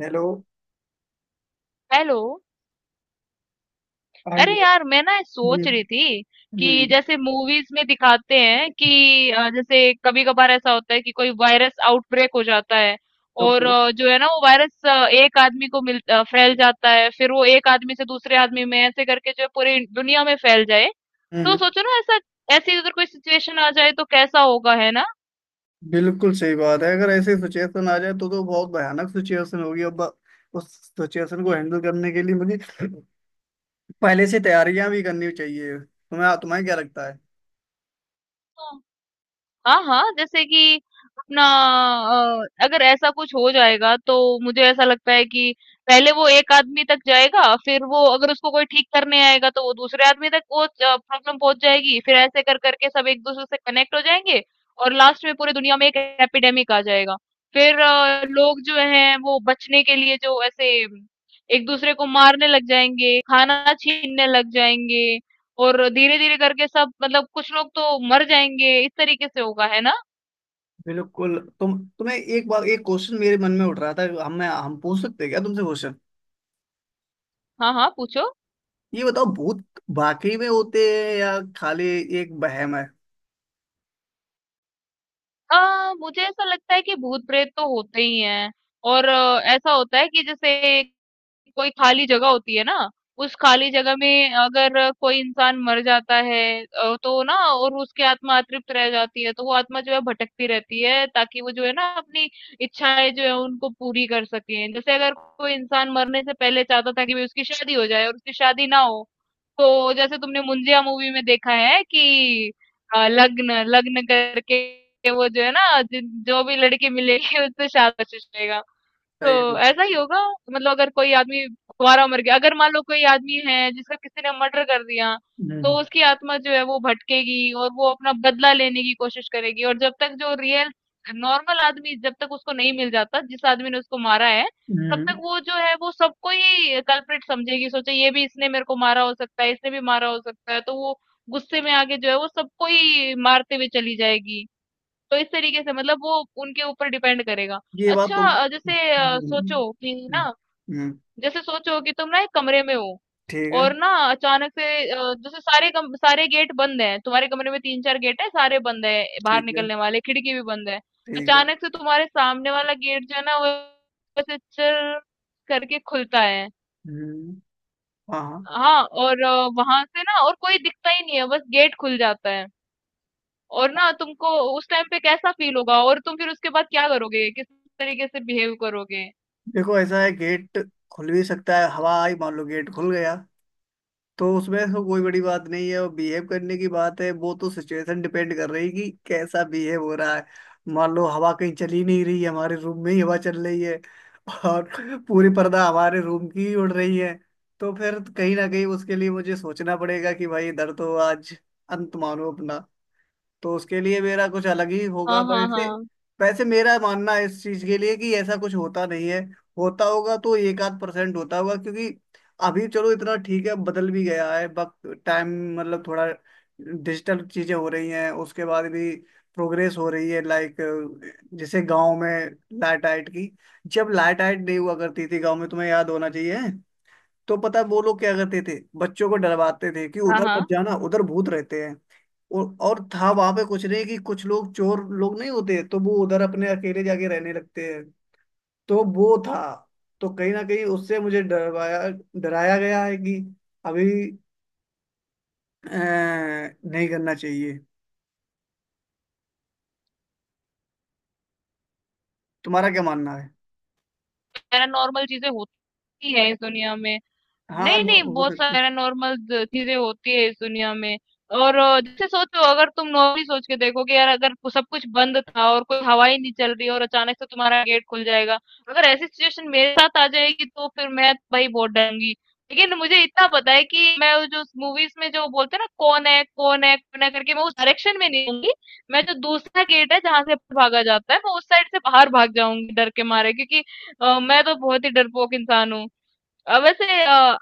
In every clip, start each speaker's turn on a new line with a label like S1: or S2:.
S1: Hello.
S2: Hello. अरे
S1: hello.
S2: यार मैं ना
S1: हम्म।
S2: सोच रही थी कि
S1: हम्म।
S2: जैसे मूवीज में दिखाते हैं कि जैसे कभी कभार ऐसा होता है कि कोई वायरस आउटब्रेक हो जाता है। और
S1: ओके।
S2: जो है ना वो वायरस एक आदमी को फैल जाता है फिर वो एक आदमी से दूसरे आदमी में ऐसे करके जो है पूरी दुनिया में फैल जाए। तो
S1: हम्म।
S2: सोचो ना ऐसा ऐसी अगर कोई सिचुएशन आ जाए तो कैसा होगा, है ना।
S1: बिल्कुल सही बात है। अगर ऐसी सिचुएशन आ जाए तो बहुत भयानक सिचुएशन होगी। अब उस सिचुएशन को हैंडल करने के लिए मुझे पहले से तैयारियां भी करनी चाहिए। तुम्हें तुम्हें क्या लगता है?
S2: हाँ, हाँ, जैसे कि अपना अगर ऐसा कुछ हो जाएगा तो मुझे ऐसा लगता है कि पहले वो एक आदमी तक जाएगा, फिर वो अगर उसको कोई ठीक करने आएगा तो वो दूसरे आदमी तक वो प्रॉब्लम पहुंच जाएगी, फिर ऐसे कर करके सब एक दूसरे से कनेक्ट हो जाएंगे। और लास्ट में पूरी दुनिया में एक एपिडेमिक आ जाएगा। फिर लोग जो हैं वो बचने के लिए जो ऐसे एक दूसरे को मारने लग जाएंगे, खाना छीनने लग जाएंगे। और धीरे-धीरे करके सब मतलब कुछ लोग तो मर जाएँगे, इस तरीके से होगा, है ना?
S1: बिल्कुल। तुम्हें एक बार एक क्वेश्चन मेरे मन में उठ रहा था। हम पूछ सकते हैं क्या तुमसे क्वेश्चन?
S2: हाँ, हाँ, पूछो।
S1: ये बताओ, भूत वाकई में होते हैं या खाली एक वहम है?
S2: मुझे ऐसा लगता है कि भूत-प्रेत तो होते ही हैं। और ऐसा होता है कि जैसे कोई खाली जगह होती है ना, उस खाली जगह में अगर कोई इंसान मर जाता है, तो ना, और उसकी आत्मा अतृप्त रह जाती है, तो वो आत्मा जो है भटकती रहती है ताकि वो जो है ना अपनी इच्छाएँ जो है उनको पूरी कर सकें। जैसे अगर कोई इंसान मरने से पहले चाहता था कि भई उसकी शादी हो जाए और उसकी शादी ना हो, तो जैसे तुमने मुंजिया मूवी में देखा है कि लग्न लग्न करके वो जो है ना जिन जो भी लड़की मिलेगी उससे शादी का कोशिश करेगा।
S1: सही
S2: तो
S1: है।
S2: ऐसा ही होगा। मतलब अगर कोई आदमी कुंवारा मर गया, अगर मान लो कोई आदमी है जिसका किसी ने मर्डर कर दिया, तो
S1: हम्म।
S2: उसकी आत्मा जो है वो भटकेगी और वो अपना बदला लेने की कोशिश करेगी। और जब तक जो रियल नॉर्मल आदमी, जब तक उसको नहीं मिल जाता जिस आदमी ने उसको मारा है, तब तक
S1: हम्म।
S2: वो जो है वो सबको ही कल्प्रिट समझेगी। सोचे ये भी इसने मेरे को मारा हो सकता है, इसने भी मारा हो सकता है, तो वो गुस्से में आके जो है वो सबको ही मारते हुए चली जाएगी। तो इस तरीके से मतलब वो उनके ऊपर डिपेंड करेगा।
S1: ये बात
S2: अच्छा
S1: तुम।
S2: जैसे
S1: हम्म।
S2: सोचो कि
S1: हम्म।
S2: ना,
S1: हम्म।
S2: जैसे सोचो कि तुम ना एक कमरे में हो,
S1: ठीक है।
S2: और ना अचानक से जैसे सारे गेट बंद हैं, तुम्हारे कमरे में तीन चार गेट है, सारे बंद है, बाहर
S1: ठीक है।
S2: निकलने वाले खिड़की भी बंद है।
S1: ठीक है।
S2: अचानक से तुम्हारे सामने वाला गेट जो है ना वो ऐसे चर करके खुलता है।
S1: हम्म। हाँ, हाँ।
S2: हाँ और वहां से ना और कोई दिखता ही नहीं है, बस गेट खुल जाता है। और ना तुमको उस टाइम पे कैसा फील होगा और तुम फिर उसके बाद क्या करोगे, किस तरीके से बिहेव करोगे।
S1: देखो, ऐसा है, गेट खुल भी सकता है। हवा आई, मान लो गेट खुल गया, तो उसमें तो कोई बड़ी बात नहीं है। और बिहेव करने की बात है, वो तो सिचुएशन डिपेंड कर रही कि कैसा बिहेव हो रहा है। मान लो हवा कहीं चली नहीं रही है, हमारे रूम में ही हवा चल रही है और पूरी पर्दा हमारे रूम की ही उड़ रही है। तो फिर कहीं ना कहीं उसके लिए मुझे सोचना पड़ेगा कि भाई इधर तो आज अंत मानो अपना। तो उसके लिए मेरा कुछ अलग ही होगा,
S2: हाँ
S1: पर
S2: हाँ
S1: ऐसे।
S2: हाँ।
S1: वैसे मेरा मानना है इस चीज के लिए कि ऐसा कुछ होता नहीं है। होता होगा तो एक आध परसेंट होता होगा, क्योंकि अभी चलो इतना ठीक है, बदल भी गया है वक्त, टाइम। मतलब थोड़ा डिजिटल चीजें हो रही हैं। उसके बाद भी प्रोग्रेस हो रही है, लाइक। जैसे गांव में लाइट आइट की, जब लाइट आइट नहीं हुआ करती थी गांव में, तुम्हें याद होना चाहिए। तो पता है वो लोग क्या करते थे? बच्चों को डरवाते थे कि
S2: हाँ।
S1: उधर
S2: हाँ।
S1: मत जाना, उधर भूत रहते हैं। और था वहां पे कुछ नहीं, कि कुछ लोग चोर लोग नहीं होते तो वो उधर अपने अकेले जाके रहने लगते हैं। तो वो था। तो कहीं ना कहीं उससे मुझे डरवाया, डराया गया है कि अभी अ, नहीं करना चाहिए। तुम्हारा क्या मानना है?
S2: पैरानॉर्मल चीजें होती है इस दुनिया में।
S1: हाँ,
S2: नहीं, नहीं,
S1: हो
S2: बहुत सारी
S1: सकती।
S2: पैरानॉर्मल द चीज़ें होती है इस दुनिया में। और जैसे सोचो अगर तुम नॉर्मली सोच के देखो कि यार अगर सब कुछ बंद था और कोई हवा ही नहीं चल रही और अचानक से तुम्हारा गेट खुल जाएगा, अगर ऐसी सिचुएशन मेरे साथ आ जाएगी तो फिर मैं तो भाई बहुत डरूंगी। लेकिन मुझे इतना पता है कि मैं वो जो मूवीज में जो बोलते हैं ना कौन है कौन है कौन है करके, मैं उस डायरेक्शन में नहीं जाऊंगी। मैं जो दूसरा गेट है जहां से भागा जाता है, मैं उस साइड से बाहर भाग जाऊंगी डर के मारे, क्योंकि मैं तो बहुत ही डरपोक इंसान हूँ। अ, वैसे अ,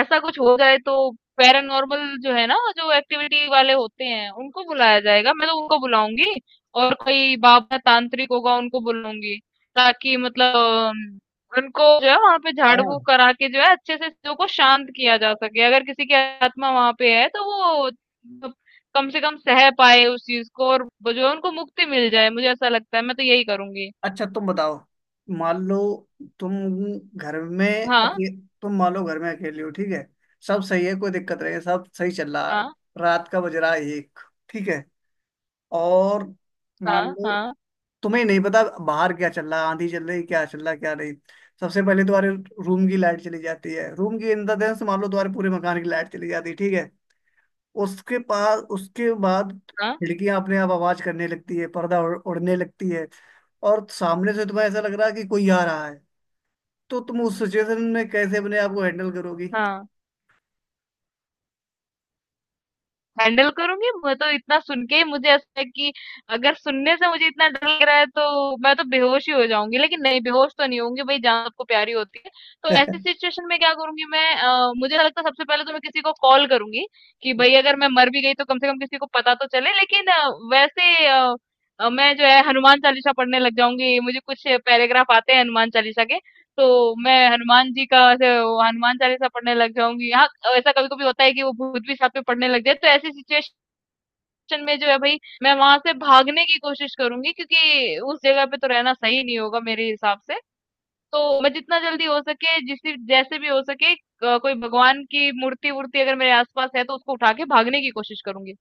S2: ऐसा कुछ हो जाए तो पैरानॉर्मल जो है ना जो एक्टिविटी वाले होते हैं उनको बुलाया जाएगा, मैं तो उनको बुलाऊंगी। और कोई बाबा तांत्रिक होगा उनको बुलाऊंगी, ताकि उनको जो है वहां पे झाड़
S1: हाँ।
S2: फूक करा के जो है अच्छे से चीजों को शांत किया जा सके। अगर किसी की आत्मा वहां पे है तो वो मतलब कम से कम सह पाए उस चीज को और वो जो है उनको मुक्ति मिल जाए। मुझे ऐसा लगता है, मैं तो यही करूंगी।
S1: अच्छा, तुम बताओ। मान लो तुम घर में
S2: हाँ
S1: तुम मान लो घर में अकेले हो, ठीक है। सब सही है, कोई दिक्कत नहीं है, सब सही चल रहा है।
S2: हाँ
S1: रात का बज रहा है 1, ठीक है। और मान
S2: हाँ।
S1: लो
S2: हाँ
S1: तुम्हें नहीं पता बाहर क्या चल रहा है, आंधी चल रही, क्या चल रहा क्या नहीं। सबसे पहले तुम्हारे रूम की लाइट चली जाती है, रूम की, इन द सेंस मान लो तुम्हारे पूरे मकान की लाइट चली जाती है, ठीक है। उसके पास उसके बाद
S2: हाँ।
S1: खिड़कियां अपने आप आवाज करने लगती है, पर्दा उड़ने लगती है। और सामने से तुम्हें ऐसा लग रहा है कि कोई आ रहा है। तो तुम उस सिचुएशन में कैसे अपने आप को हैंडल करोगी?
S2: हाँ, हैंडल करूंगी। मैं तो इतना सुन के ही मुझे ऐसा है कि अगर सुनने से मुझे इतना डर लग रहा है तो मैं तो बेहोश ही हो जाऊंगी। लेकिन नहीं, बेहोश तो नहीं होंगी, भाई जान सबको प्यारी होती है। तो ऐसी सिचुएशन में क्या करूंगी मैं, मुझे लगता है सबसे पहले तो मैं किसी को कॉल करूंगी कि भाई अगर मैं मर भी गई तो कम से कम किसी को पता तो चले। लेकिन वैसे अ, मैं जो है हनुमान चालीसा पढ़ने लग जाऊंगी। मुझे कुछ पैराग्राफ आते हैं हनुमान चालीसा के, तो मैं हनुमान जी का ऐसे वो हनुमान चालीसा पढ़ने लग जाऊंगी। हाँ ऐसा कभी कभी होता है कि वो भूत भी साथ में पढ़ने लग जाए। तो ऐसी सिचुएशन में जो है भाई मैं वहां से भागने की कोशिश करूंगी, क्योंकि उस जगह पे तो रहना सही नहीं होगा मेरे हिसाब से। तो मैं जितना जल्दी हो सके, जिस जैसे भी हो सके कोई भगवान की मूर्ति वूर्ति अगर मेरे आसपास है तो उसको उठा के भागने की कोशिश करूंगी।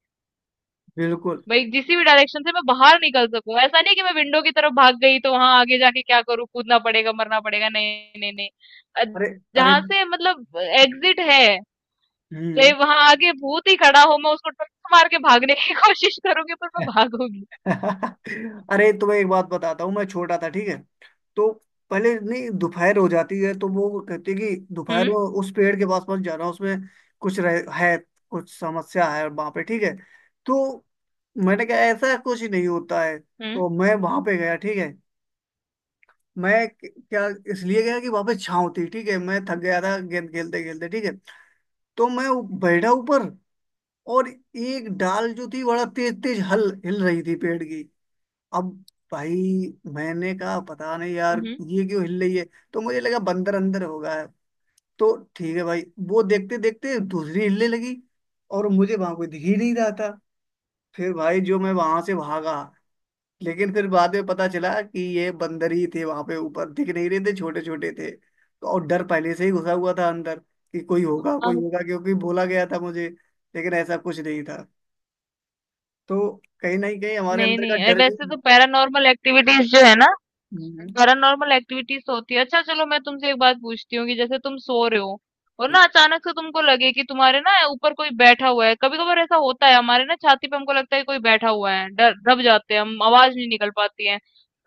S1: बिल्कुल।
S2: भाई किसी भी डायरेक्शन से मैं बाहर निकल सकूं, ऐसा नहीं कि मैं विंडो की तरफ भाग गई तो वहां आगे जाके क्या करूं, कूदना पड़ेगा मरना पड़ेगा, नहीं नहीं नहीं। अ,
S1: अरे। अरे।
S2: जहां से मतलब एग्जिट है, तो
S1: हम्म।
S2: वहां आगे भूत ही खड़ा हो मैं उसको टक्कर मार के भागने की कोशिश करूंगी, पर मैं भागूंगी।
S1: अरे, तुम्हें एक बात बताता हूँ, मैं छोटा था, ठीक है। तो पहले नहीं, दोपहर हो जाती है तो वो कहती है कि दोपहर
S2: हम्म।
S1: को उस पेड़ के पास पास जा रहा हूँ उसमें कुछ है कुछ समस्या है वहां पे, ठीक है। तो मैंने कहा ऐसा कुछ नहीं होता है,
S2: हम्म।
S1: तो मैं वहां पे गया, ठीक है। मैं क्या, इसलिए गया कि वहां पे छाँव थी, ठीक है। मैं थक गया था गेंद खेलते खेलते, ठीक है। तो मैं बैठा ऊपर। और एक डाल जो थी बड़ा तेज तेज हल हिल रही थी पेड़ की। अब भाई, मैंने कहा पता नहीं यार
S2: हम्म।
S1: ये क्यों हिल रही है? तो मुझे लगा बंदर अंदर होगा। तो ठीक है भाई, वो देखते देखते दूसरी हिलने लगी और मुझे वहां कोई दिख ही नहीं रहा था। फिर भाई जो मैं वहां से भागा। लेकिन फिर बाद में पता चला कि ये बंदर ही थे, वहां पे ऊपर दिख नहीं रहे थे, छोटे छोटे थे तो। और डर पहले से ही घुसा हुआ था अंदर कि कोई होगा
S2: हाँ।
S1: कोई होगा, क्योंकि बोला गया था मुझे। लेकिन ऐसा कुछ नहीं था। तो कहीं ना कहीं हमारे
S2: नहीं
S1: अंदर का
S2: नहीं,
S1: डर भी।
S2: वैसे तो
S1: हम्म।
S2: पैरानॉर्मल एक्टिविटीज होती है। अच्छा चलो मैं तुमसे एक बात पूछती हूँ कि जैसे तुम सो रहे हो और
S1: हम्म।
S2: ना अचानक से तुमको लगे कि तुम्हारे ना ऊपर कोई बैठा हुआ है। कभी कभार ऐसा होता है हमारे ना छाती पे हमको लगता है कि कोई बैठा हुआ है, डर दब जाते हैं हम, आवाज नहीं निकल पाती है।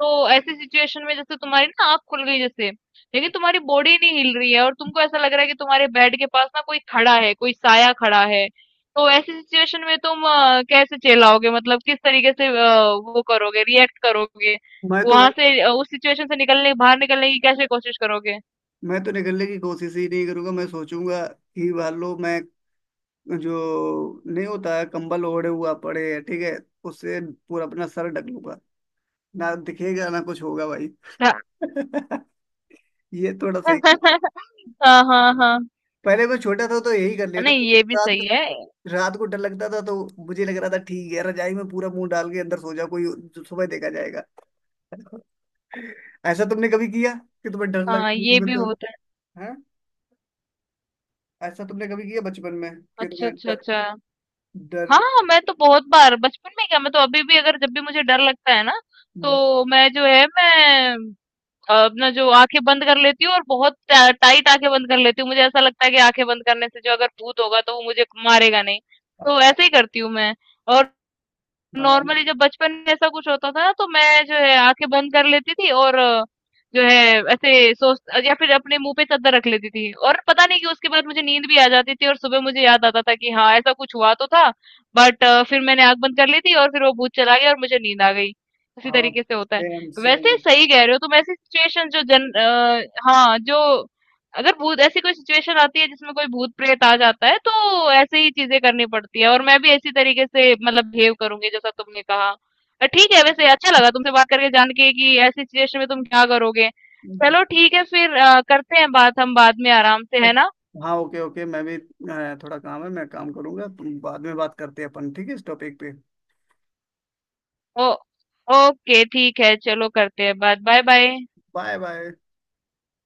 S2: तो ऐसी सिचुएशन में जैसे तुम्हारी ना आंख खुल गई जैसे, लेकिन तुम्हारी बॉडी नहीं हिल रही है और तुमको ऐसा लग रहा है कि तुम्हारे बेड के पास ना कोई खड़ा है, कोई साया खड़ा है। तो ऐसी सिचुएशन में तुम कैसे चिल्लाओगे, मतलब किस तरीके से वो करोगे, रिएक्ट करोगे,
S1: मैं तो भाई,
S2: वहाँ से उस सिचुएशन से निकलने, बाहर निकलने की कैसे कोशिश करोगे?
S1: मैं तो निकलने की कोशिश ही नहीं करूंगा। मैं सोचूंगा कि वालो मैं जो नहीं होता है, कंबल ओढ़े हुआ पड़े है, ठीक है। उससे पूरा अपना सर ढक लूंगा, ना दिखेगा ना कुछ होगा भाई।
S2: हाँ।
S1: ये थोड़ा सही है।
S2: हाँ, हाँ। हाँ।
S1: पहले मैं छोटा था तो यही कर लेता
S2: नहीं
S1: था कुछ
S2: ये भी
S1: रात
S2: सही
S1: को।
S2: है।
S1: रात को डर लगता था तो मुझे लग रहा था ठीक है रजाई में पूरा मुंह डाल के अंदर सो जा, कोई जो सुबह देखा जाएगा। ऐसा तुमने कभी किया कि तुम्हें डर लग?
S2: हाँ, ये
S1: मैं
S2: भी
S1: तो।
S2: होता है।
S1: हाँ। ऐसा तुमने कभी किया बचपन में कि
S2: अच्छा,
S1: तुम्हें
S2: अच्छा,
S1: डर?
S2: अच्छा।
S1: डर?
S2: हाँ, मैं तो बहुत बार बचपन में क्या मैं तो अभी भी अगर जब भी मुझे डर लगता है ना,
S1: हम्म।
S2: तो मैं अपना जो आँखें बंद कर लेती हूँ, और बहुत टा टाइट आँखें बंद कर लेती हूँ। मुझे ऐसा लगता है कि आँखें बंद करने से जो अगर भूत होगा तो वो मुझे मारेगा नहीं। तो ऐसे ही करती हूँ मैं। और
S1: हाँ,
S2: नॉर्मली जब बचपन में ऐसा कुछ होता था ना तो मैं जो है आँखें बंद कर लेती थी और अ, जो है ऐसे सोच या फिर अपने मुँह पे चद्दर रख लेती थी, और पता नहीं कि उसके बाद मुझे नींद भी आ जाती थी और सुबह मुझे याद आता था कि हाँ ऐसा कुछ हुआ तो था, बट फिर मैंने आँख बंद कर ली थी और फिर वो भूत चला गया और मुझे नींद आ गई। इसी
S1: हाँ।
S2: तरीके से होता है।
S1: सेम
S2: वैसे
S1: सेम।
S2: सही कह रहे हो तुम। ऐसी सिचुएशन जो जन अ, हाँ, जो अगर भूत ऐसी कोई सिचुएशन आती है जिसमें कोई भूत प्रेत आ जाता है तो ऐसे ही चीजें करनी पड़ती है, और मैं भी इसी तरीके से मतलब बिहेव करूंगी जैसा तुमने कहा। ठीक है, वैसे अच्छा लगा तुमसे बात करके जान के कि ऐसी सिचुएशन में तुम क्या करोगे। चलो ठीक है फिर करते हैं बात हम बाद में आराम से, है ना।
S1: हाँ, ओके ओके। मैं भी थोड़ा काम है, मैं काम करूंगा। तुम बाद में बात करते हैं अपन, ठीक है, इस टॉपिक पे।
S2: ओ ओके ठीक है, चलो करते हैं बात, बाय बाय।
S1: Bye bye.